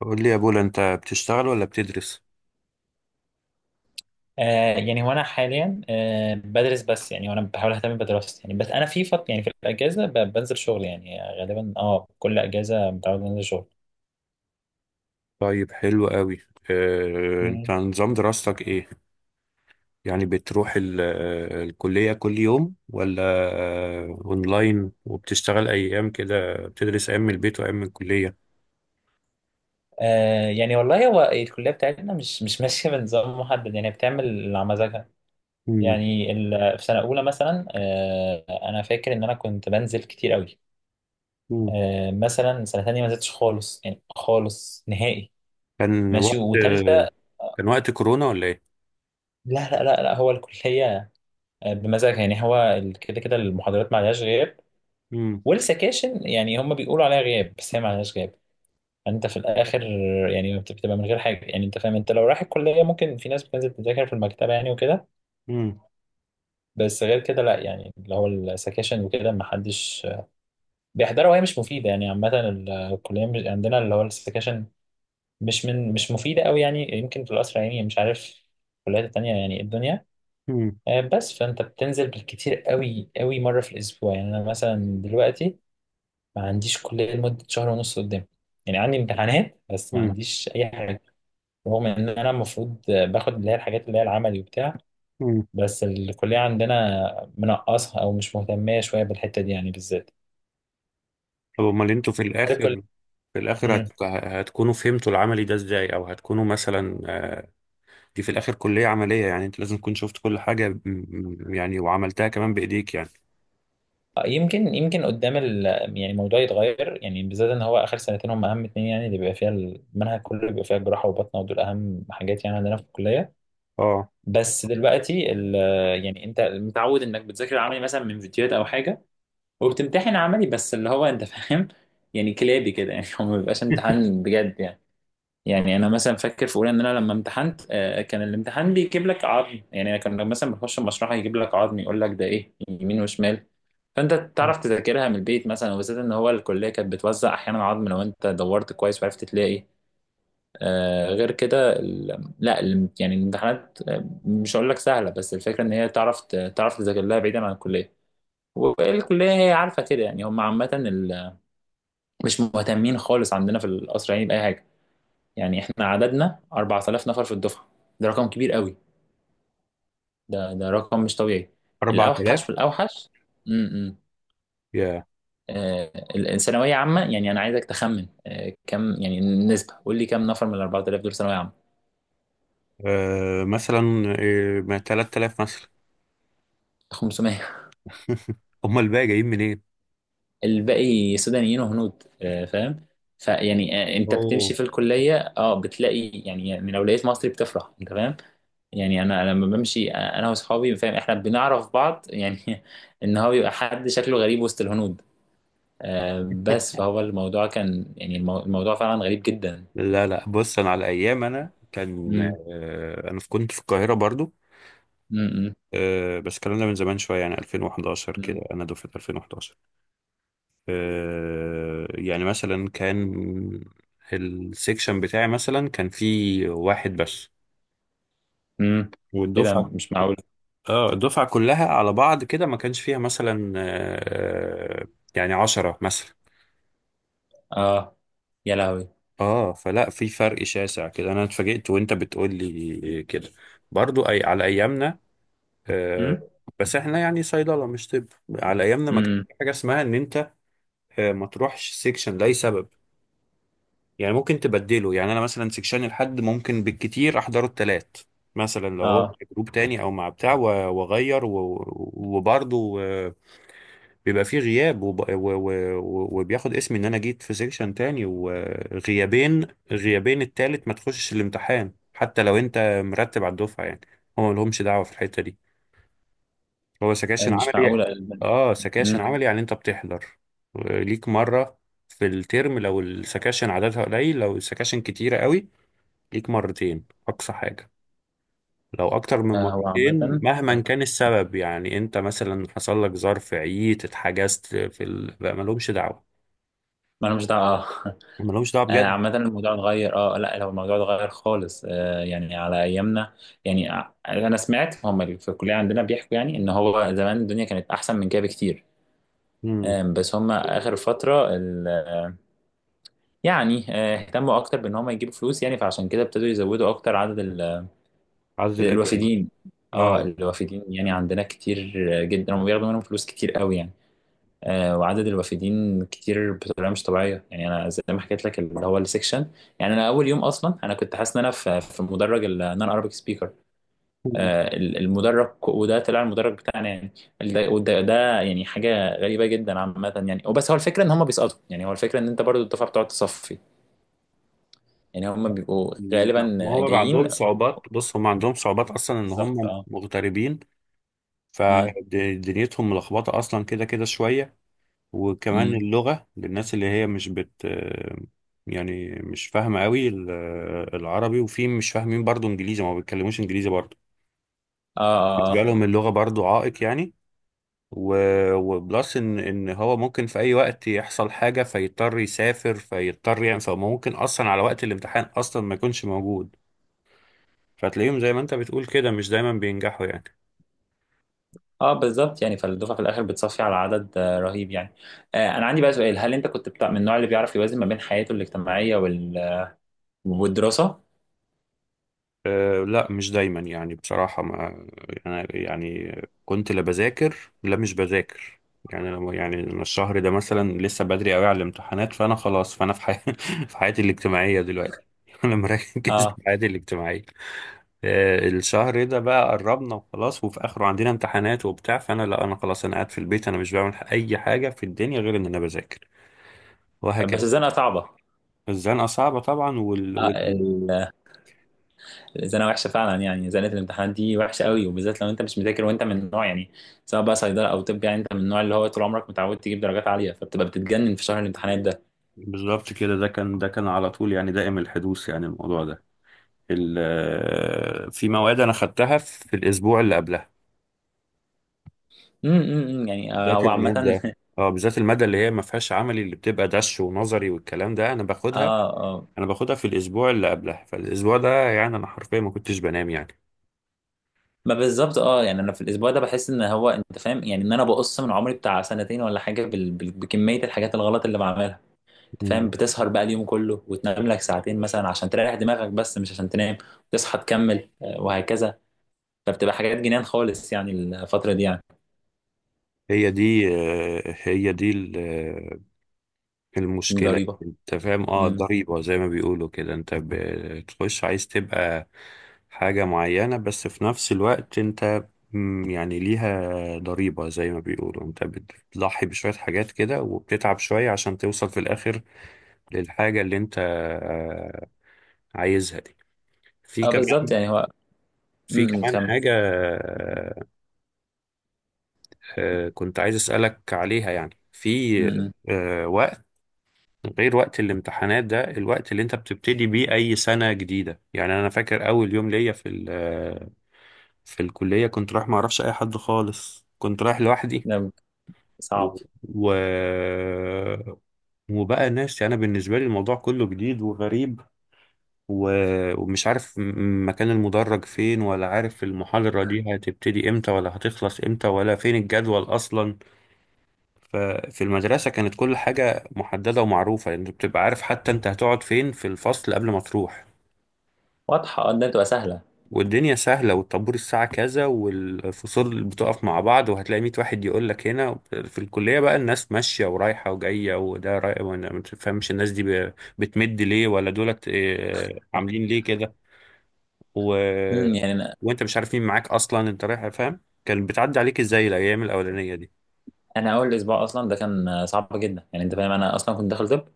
قول لي يا بولا، انت بتشتغل ولا بتدرس؟ يعني هو انا حاليا بدرس بس يعني وانا بحاول اهتم بدراستي، يعني بس انا في فط يعني في الاجازه بنزل شغل، يعني غالبا كل اجازه متعود انزل شغل. طيب، حلو قوي. اه انت مم. نظام دراستك ايه؟ يعني بتروح الكلية كل يوم ولا؟ اونلاين وبتشتغل ايام كده بتدرس ايام من البيت وايام من الكلية؟ يعني والله هو الكليه بتاعتنا مش ماشيه بنظام محدد، يعني بتعمل اللي على مزاجها. مم. يعني في سنه اولى مثلا، انا فاكر ان انا كنت بنزل كتير قوي. مم. مثلا سنه تانية ما نزلتش خالص، يعني خالص نهائي كان ماشي، وقت آه، وتالتة. كان وقت كورونا ولا ايه؟ لا لا لا لا، هو الكليه بمزاجها، يعني هو كده كده المحاضرات ما عليهاش غياب. مم. والسكاشن يعني هم بيقولوا عليها غياب، بس هي ما عليهاش غياب. يعني انت في الاخر يعني بتبقى من غير حاجه. يعني انت فاهم، انت لو رايح الكليه ممكن في ناس بتنزل تذاكر في المكتبه يعني وكده. مم. بس غير كده لا، يعني اللي هو السكاشن وكده ما حدش بيحضرها وهي مش مفيده. يعني عامه الكليه مش عندنا اللي هو السكاشن، مش مفيده قوي، يعني يمكن في القصر العيني، مش عارف الكليات التانيه يعني إيه الدنيا. مم. بس فانت بتنزل بالكتير قوي قوي مره في الاسبوع. يعني انا مثلا دلوقتي ما عنديش كلية لمدة شهر ونص قدام. يعني عندي امتحانات بس ما مم. عنديش أي حاجة، رغم إن أنا المفروض باخد اللي هي الحاجات اللي هي العملي وبتاع. مم. بس الكلية عندنا منقصها أو مش مهتمة شوية بالحتة دي، يعني بالذات. طب امال انتوا في هل الكلية؟ الاخر؟ في الاخر مم. هتكونوا فهمتوا العملي ده ازاي، او هتكونوا مثلا دي في الاخر كلية عملية، يعني انت لازم تكون شفت كل حاجة يعني، وعملتها كمان بايديك يعني. يمكن قدام يعني الموضوع يتغير، يعني بالذات إن هو آخر سنتين هم أهم اتنين، يعني اللي بيبقى فيها المنهج كله بيبقى فيها جراحة وبطنة، ودول أهم حاجات يعني عندنا في الكلية. اه. بس دلوقتي يعني أنت متعود إنك بتذاكر العملي مثلا من فيديوهات أو حاجة، وبتمتحن عملي، بس اللي هو انت فاهم، يعني كلابي كده، يعني هو ما بيبقاش امتحان بجد يعني. يعني انا مثلا فاكر في اولى ان انا لما امتحنت، كان الامتحان بيجيب لك عظم. يعني انا كان مثلا بخش المشرحه يجيب لك عظم، يقول لك ده ايه، يمين وشمال. فانت تعرف تذاكرها من البيت مثلا، وبالذات ان هو الكليه كانت بتوزع احيانا عظم لو انت دورت كويس وعرفت تلاقي. غير كده لا يعني الامتحانات، مش هقول لك سهله، بس الفكره ان هي تعرف تعرف تذاكر لها بعيدا عن الكليه. والكلية هي عارفة كده، يعني هم عامة مش مهتمين خالص عندنا في القصر العيني بأي حاجة. يعني احنا عددنا 4000 نفر في الدفعة. ده رقم كبير قوي. ده رقم مش طبيعي، الأوحش 4000؟ في الأوحش. امم. يا! الثانوية عامة، يعني أنا عايزك تخمن كم يعني النسبة. قول لي كم نفر من ال 4000 دول ثانوية عامة؟ مثلا. ما 3000 مثلا. 500. هم الباقي جايين منين؟ الباقي سودانيين وهنود، فاهم. فيعني انت بتمشي اوه. في الكلية، بتلاقي يعني لو لقيت مصري بتفرح انت فاهم. يعني انا لما بمشي انا واصحابي فاهم، احنا بنعرف بعض يعني. ان هو بيبقى حد شكله غريب وسط الهنود. بس فهو الموضوع كان يعني الموضوع فعلا غريب جدا. لا، لا، بص، انا على ايام انا كان امم. آه انا كنت في القاهرة برضو. امم. بس الكلام ده من زمان شوية، يعني 2011 امم. كده، انا دفعة 2011. يعني مثلا كان السيكشن بتاعي مثلا كان فيه واحد بس. أمم. ايه ده والدفعة، مش معقول. اه، الدفعة كلها على بعض كده ما كانش فيها مثلا يعني عشرة مثلا. اه، يا لهوي. اه، فلا، في فرق شاسع كده، انا اتفاجئت وانت بتقول لي كده، برضو، اي، على ايامنا. آه، امم. بس احنا يعني صيدلة مش طب. على ايامنا ما كانش امم. في حاجة اسمها ان انت ما تروحش سيكشن لاي سبب. يعني ممكن تبدله، يعني انا مثلا سيكشن الحد ممكن بالكتير احضره التلات، مثلا لو هو اه، في جروب تاني او مع بتاع واغير وبرضو بيبقى فيه غياب وب... و... و... و- وبياخد اسمي ان انا جيت في سيكشن تاني، وغيابين غيابين التالت ما تخشش الامتحان، حتى لو انت مرتب على الدفعه يعني. هو ما لهمش دعوه في الحته دي. هو سكاشن مش معقول. عملي. امم. اه، سكاشن عملي، يعني انت بتحضر ليك مره في الترم لو السكاشن عددها قليل، لو السكاشن كتيره قوي ليك مرتين اقصى حاجه. لو اكتر من هو مرتين عامة، مهما كان السبب، يعني انت مثلا حصل لك ظرف، عييت، اتحجزت في بقى ملهمش دعوه. ما انا مش دعوة، اه. ملهمش دعوه بجد. عامة الموضوع اتغير، اه، لا لو الموضوع اتغير خالص، يعني على ايامنا. يعني انا سمعت هم اللي في الكلية عندنا بيحكوا يعني ان هو زمان الدنيا كانت احسن من كده بكتير. امم. بس هم اخر فترة يعني اهتموا اكتر بان هم يجيبوا فلوس، يعني فعشان كده ابتدوا يزودوا اكتر عدد عدد الاجانب. الوافدين. اه، اه. الوافدين يعني عندنا كتير جدا، هم بياخدوا منهم فلوس كتير قوي يعني. وعدد الوافدين كتير بطريقه مش طبيعيه. يعني انا زي ما حكيت لك اللي هو السكشن. يعني انا اول يوم اصلا انا كنت حاسس ان انا في مدرج النون عربيك سبيكر مم. المدرج، وده طلع المدرج بتاعنا يعني. وده يعني حاجه غريبه جدا عامه. يعني وبس هو الفكره ان هم بيسقطوا، يعني هو الفكره ان انت برضو الدفعه بتقعد تصفي، يعني هم بيبقوا ما غالبا هم بقى جايين. عندهم صعوبات، بص هم عندهم صعوبات اصلا ان بالظبط، هم اه. مغتربين، امم. فدنيتهم ملخبطه اصلا كده كده شويه. وكمان امم. اللغه للناس اللي هي مش بت يعني مش فاهمه قوي العربي، وفي مش فاهمين برضو انجليزي، ما بيتكلموش انجليزي برضو. اه، بالنسبه اه، لهم اللغه برضو عائق يعني. وبلس ان هو ممكن في اي وقت يحصل حاجه، فيضطر يسافر فيضطر، يعني فممكن اصلا على وقت الامتحان اصلا ما يكونش موجود، فتلاقيهم زي ما انت بتقول كده مش دايما بينجحوا يعني. اه، بالظبط. يعني فالدفعه في الاخر بتصفي على عدد رهيب يعني. انا عندي بقى سؤال، هل انت كنت بتاع من النوع اللي بيعرف يوازن ما بين حياته الاجتماعيه والدراسه؟ أه، لا، مش دايما، يعني بصراحه ما. انا يعني كنت لا بذاكر، لا مش بذاكر. يعني لما يعني أنا الشهر ده مثلا لسه بدري قوي على الامتحانات، فانا خلاص، فانا في في حياتي الاجتماعيه دلوقتي. انا مركز اه، في حياتي الاجتماعيه. الشهر ده بقى قربنا وخلاص وفي اخره عندنا امتحانات وبتاع، فانا لا، انا خلاص، انا قاعد في البيت، انا مش بعمل اي حاجه في الدنيا غير ان انا بذاكر، بس وهكذا. الزنقه صعبه. الزنقه صعبه طبعا وال... آه وال... ال- الزنقه وحشه فعلا، يعني زنقه الامتحانات دي وحشه قوي، وبالذات لو انت مش مذاكر وانت من النوع يعني سواء بقى صيدله او طب، يعني انت من النوع اللي هو طول عمرك متعود تجيب درجات عاليه، فبتبقى بتتجنن في شهر الامتحانات ده. بالظبط كده، ده كان على طول، يعني دائم الحدوث يعني الموضوع ده. ال... آه، في مواد انا خدتها في الاسبوع اللي قبلها. امم. يعني بالذات هو الماده، عامه اه بالذات الماده اللي هي ما فيهاش عملي، اللي بتبقى دش ونظري والكلام ده، انا باخدها، اه، اه، انا باخدها في الاسبوع اللي قبلها، فالاسبوع ده يعني انا حرفيا ما كنتش بنام يعني. ما بالظبط، يعني انا في الاسبوع ده بحس ان هو انت فاهم، يعني ان انا بقص من عمري بتاع سنتين ولا حاجه بكميه الحاجات الغلط اللي بعملها. انت فاهم، بتسهر بقى اليوم كله وتنام لك ساعتين مثلا عشان تريح دماغك، بس مش عشان تنام، وتصحى تكمل وهكذا. فبتبقى حاجات جنان خالص يعني الفتره دي يعني. هي دي المشكلة ضريبه. انت فاهم، امم. ضريبة زي ما بيقولوا كده، انت بتخش عايز تبقى حاجة معينة بس في نفس الوقت انت يعني ليها ضريبة زي ما بيقولوا، انت بتضحي بشوية حاجات كده وبتتعب شوية عشان توصل في الآخر للحاجة اللي انت عايزها دي. في اه، بالظبط، كمان يعني هو. في امم، كمان تكمل. حاجة كنت عايز أسألك عليها، يعني في امم. وقت غير وقت الامتحانات ده، الوقت اللي انت بتبتدي بيه اي سنة جديدة. يعني انا فاكر اول يوم ليا في في الكلية كنت رايح ما اعرفش اي حد خالص، كنت رايح لوحدي، ده و... صعب. و... وبقى ناس، يعني انا بالنسبة لي الموضوع كله جديد وغريب، و... ومش عارف مكان المدرج فين، ولا عارف المحاضرة دي هتبتدي امتى، ولا هتخلص امتى، ولا فين الجدول اصلا. ففي المدرسة كانت كل حاجة محددة ومعروفة، يعني بتبقى عارف حتى انت هتقعد فين في الفصل قبل ما تروح. واضحه، اه. ده بتبقى سهله. والدنيا سهلة، والطابور الساعة كذا، والفصول بتقف مع بعض، وهتلاقي 100 واحد يقول لك هنا في الكلية بقى، الناس ماشية ورايحة وجاية، وده رايح وانا ما تفهمش الناس دي بتمد ليه، ولا دولت عاملين ليه كده. و... امم. يعني انا وانت مش عارف مين معاك اصلا انت رايح، فاهم؟ كان بتعدي عليك ازاي الايام الاولانية دي؟ انا اول اسبوع اصلا ده كان صعب جدا، يعني انت فاهم انا اصلا كنت داخل طب.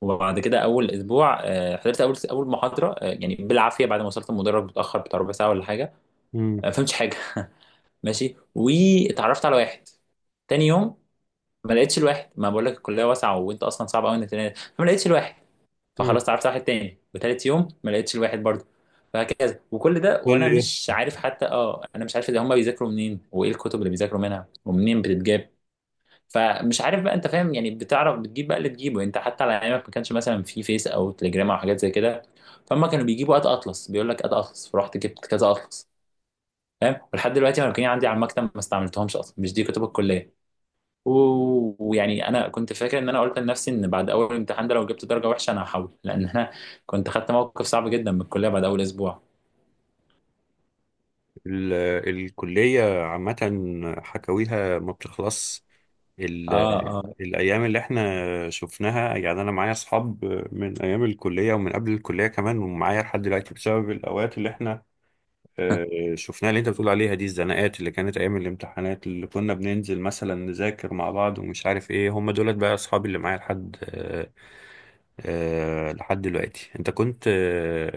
وبعد كده اول اسبوع حضرت اول محاضره، يعني بالعافيه بعد ما وصلت المدرج متاخر بتاع ربع ساعه ولا حاجه. امم. ما فهمتش حاجه ماشي، واتعرفت على واحد. تاني يوم ما لقيتش الواحد، ما بقول لك الكليه واسعه وانت اصلا صعب قوي انك تلاقي، فما لقيتش الواحد. فخلاص اتعرفت على واحد تاني، وتالت يوم ما لقيتش الواحد برضه. فهكذا، وكل ده وانا مش عارف حتى، انا مش عارف اذا هم بيذاكروا منين وايه الكتب اللي بيذاكروا منها ومنين بتتجاب، فمش عارف بقى انت فاهم، يعني بتعرف بتجيب بقى اللي تجيبه. يعني انت حتى على ايامك ما كانش مثلا في فيس او تليجرام او حاجات زي كده. فهم كانوا بيجيبوا قد اطلس، بيقول لك قد اطلس، فرحت جبت كذا اطلس، فاهم. ولحد دلوقتي انا كان عندي على المكتب، ما استعملتهمش اصلا، مش دي كتب الكليه. ويعني انا كنت فاكر ان انا قلت لنفسي ان بعد اول امتحان ده لو جبت درجه وحشه انا هحول، لان انا كنت خدت موقف صعب جدا من الكليه بعد اول اسبوع. ال- الكلية عامة حكاويها ما بتخلص. اه، اه، الأيام اللي احنا شفناها، يعني أنا معايا أصحاب من أيام الكلية ومن قبل الكلية كمان، ومعايا لحد دلوقتي بسبب الأوقات اللي احنا شفناها، اللي انت بتقول عليها دي، الزناقات اللي كانت ايام الامتحانات، اللي كنا بننزل مثلا نذاكر مع بعض ومش عارف ايه، هم دولت بقى اصحابي اللي معايا لحد لحد دلوقتي. انت كنت آه،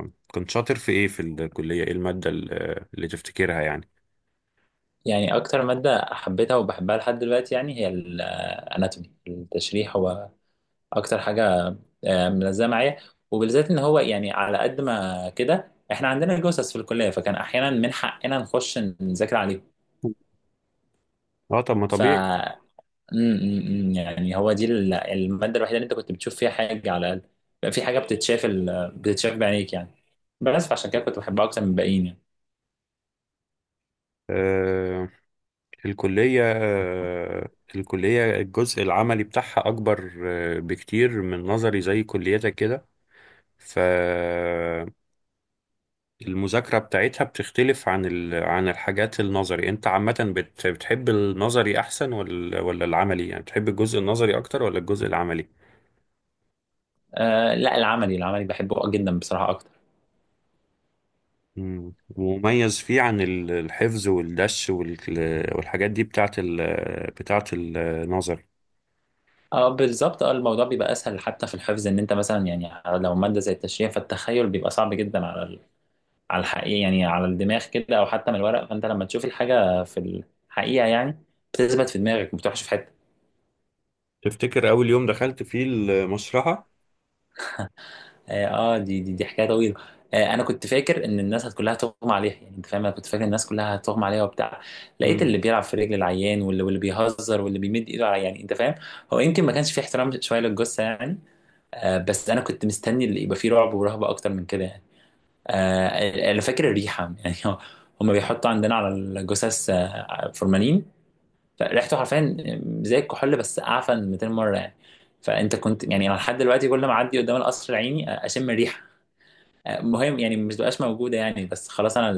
آه، كنت شاطر في ايه في الكلية، ايه المادة اللي تفتكرها يعني؟ يعني اكتر ماده حبيتها وبحبها لحد دلوقتي يعني هي الاناتومي التشريح، اكتر حاجه ملزمه معايا. وبالذات ان هو يعني على قد ما كده احنا عندنا جثث في الكليه، فكان احيانا من حقنا نخش نذاكر عليهم. اه، طب ما ف طبيعي. م- م- م، يعني هو دي الماده الوحيده اللي انت كنت بتشوف فيها حاجه على الاقل، بقى في حاجه بتتشاف، بتتشاف بعينيك يعني، بس فعشان كده كنت بحبها اكتر من الباقيين يعني. آه، الكلية آه، الكلية الجزء العملي بتاعها اكبر بكتير من نظري، زي كليتك كده. ف المذاكرة بتاعتها بتختلف عن الحاجات النظري. انت عامة بتحب النظري احسن ولا العملي؟ يعني بتحب الجزء النظري اكتر ولا الجزء العملي؟ آه، لا، العملي العملي بحبه جدا بصراحه اكتر. مم. مميز فيه عن الحفظ والدش والحاجات دي بتاعت بتاعت النظري. اه، بالظبط، الموضوع بيبقى اسهل حتى في الحفظ، ان انت مثلا يعني لو ماده زي التشريح فالتخيل بيبقى صعب جدا على الحقيقة، يعني على الدماغ كده أو حتى من الورق. فأنت لما تشوف الحاجة في الحقيقة يعني بتثبت في دماغك وما بتروحش في حتة. تفتكر اول يوم دخلت فيه المشرحة؟ دي حكاية طويلة. أنا كنت فاكر إن الناس كلها هتغمى عليها، يعني أنت فاهم أنا كنت فاكر الناس كلها هتغمى عليها وبتاع. لقيت مم. اللي بيلعب في رجل العيان واللي بيهزر واللي بيمد إيده على-، يعني أنت فاهم. هو يمكن ما كانش فيه احترام شوية للجثة يعني. بس أنا كنت مستني اللي يبقى فيه رعب ورهبة أكتر من كده يعني. أنا فاكر الريحة، يعني هما بيحطوا عندنا على الجثث فورمالين. فريحته حرفيا زي الكحول بس اعفن 200 مره يعني. فانت كنت يعني، انا لحد دلوقتي كل ما اعدي قدام القصر العيني اشم الريحه. مهم يعني مش بقاش موجوده، يعني بس خلاص انا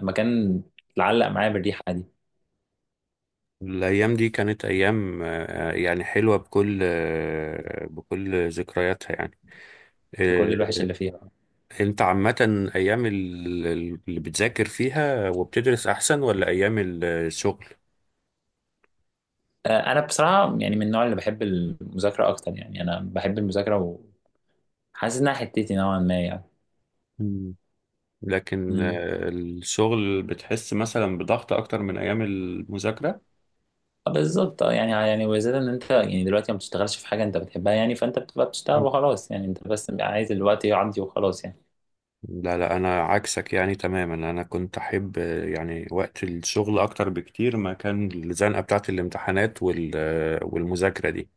المكان اتعلق معايا بالريحه دي، الايام دي كانت ايام يعني حلوة بكل ذكرياتها يعني. بكل آه، الوحش اللي فيها. انت عامة ايام اللي بتذاكر فيها وبتدرس احسن ولا ايام الشغل؟ انا بصراحه يعني من النوع اللي بحب المذاكره اكتر، يعني انا بحب المذاكره وحاسس انها حتتي نوعا ما يعني. مم. لكن امم. الشغل بتحس مثلا بضغط اكتر من ايام المذاكرة. آه، بالظبط. يعني وزيادة ان انت يعني دلوقتي ما بتشتغلش في حاجه انت بتحبها، يعني فانت بتبقى بتشتغل مم. وخلاص، يعني انت بس عايز الوقت يعدي وخلاص يعني. لا لا، انا عكسك يعني تماما، انا كنت احب يعني وقت الشغل اكتر بكتير ما كان الزنقة بتاعت الامتحانات والمذاكرة دي.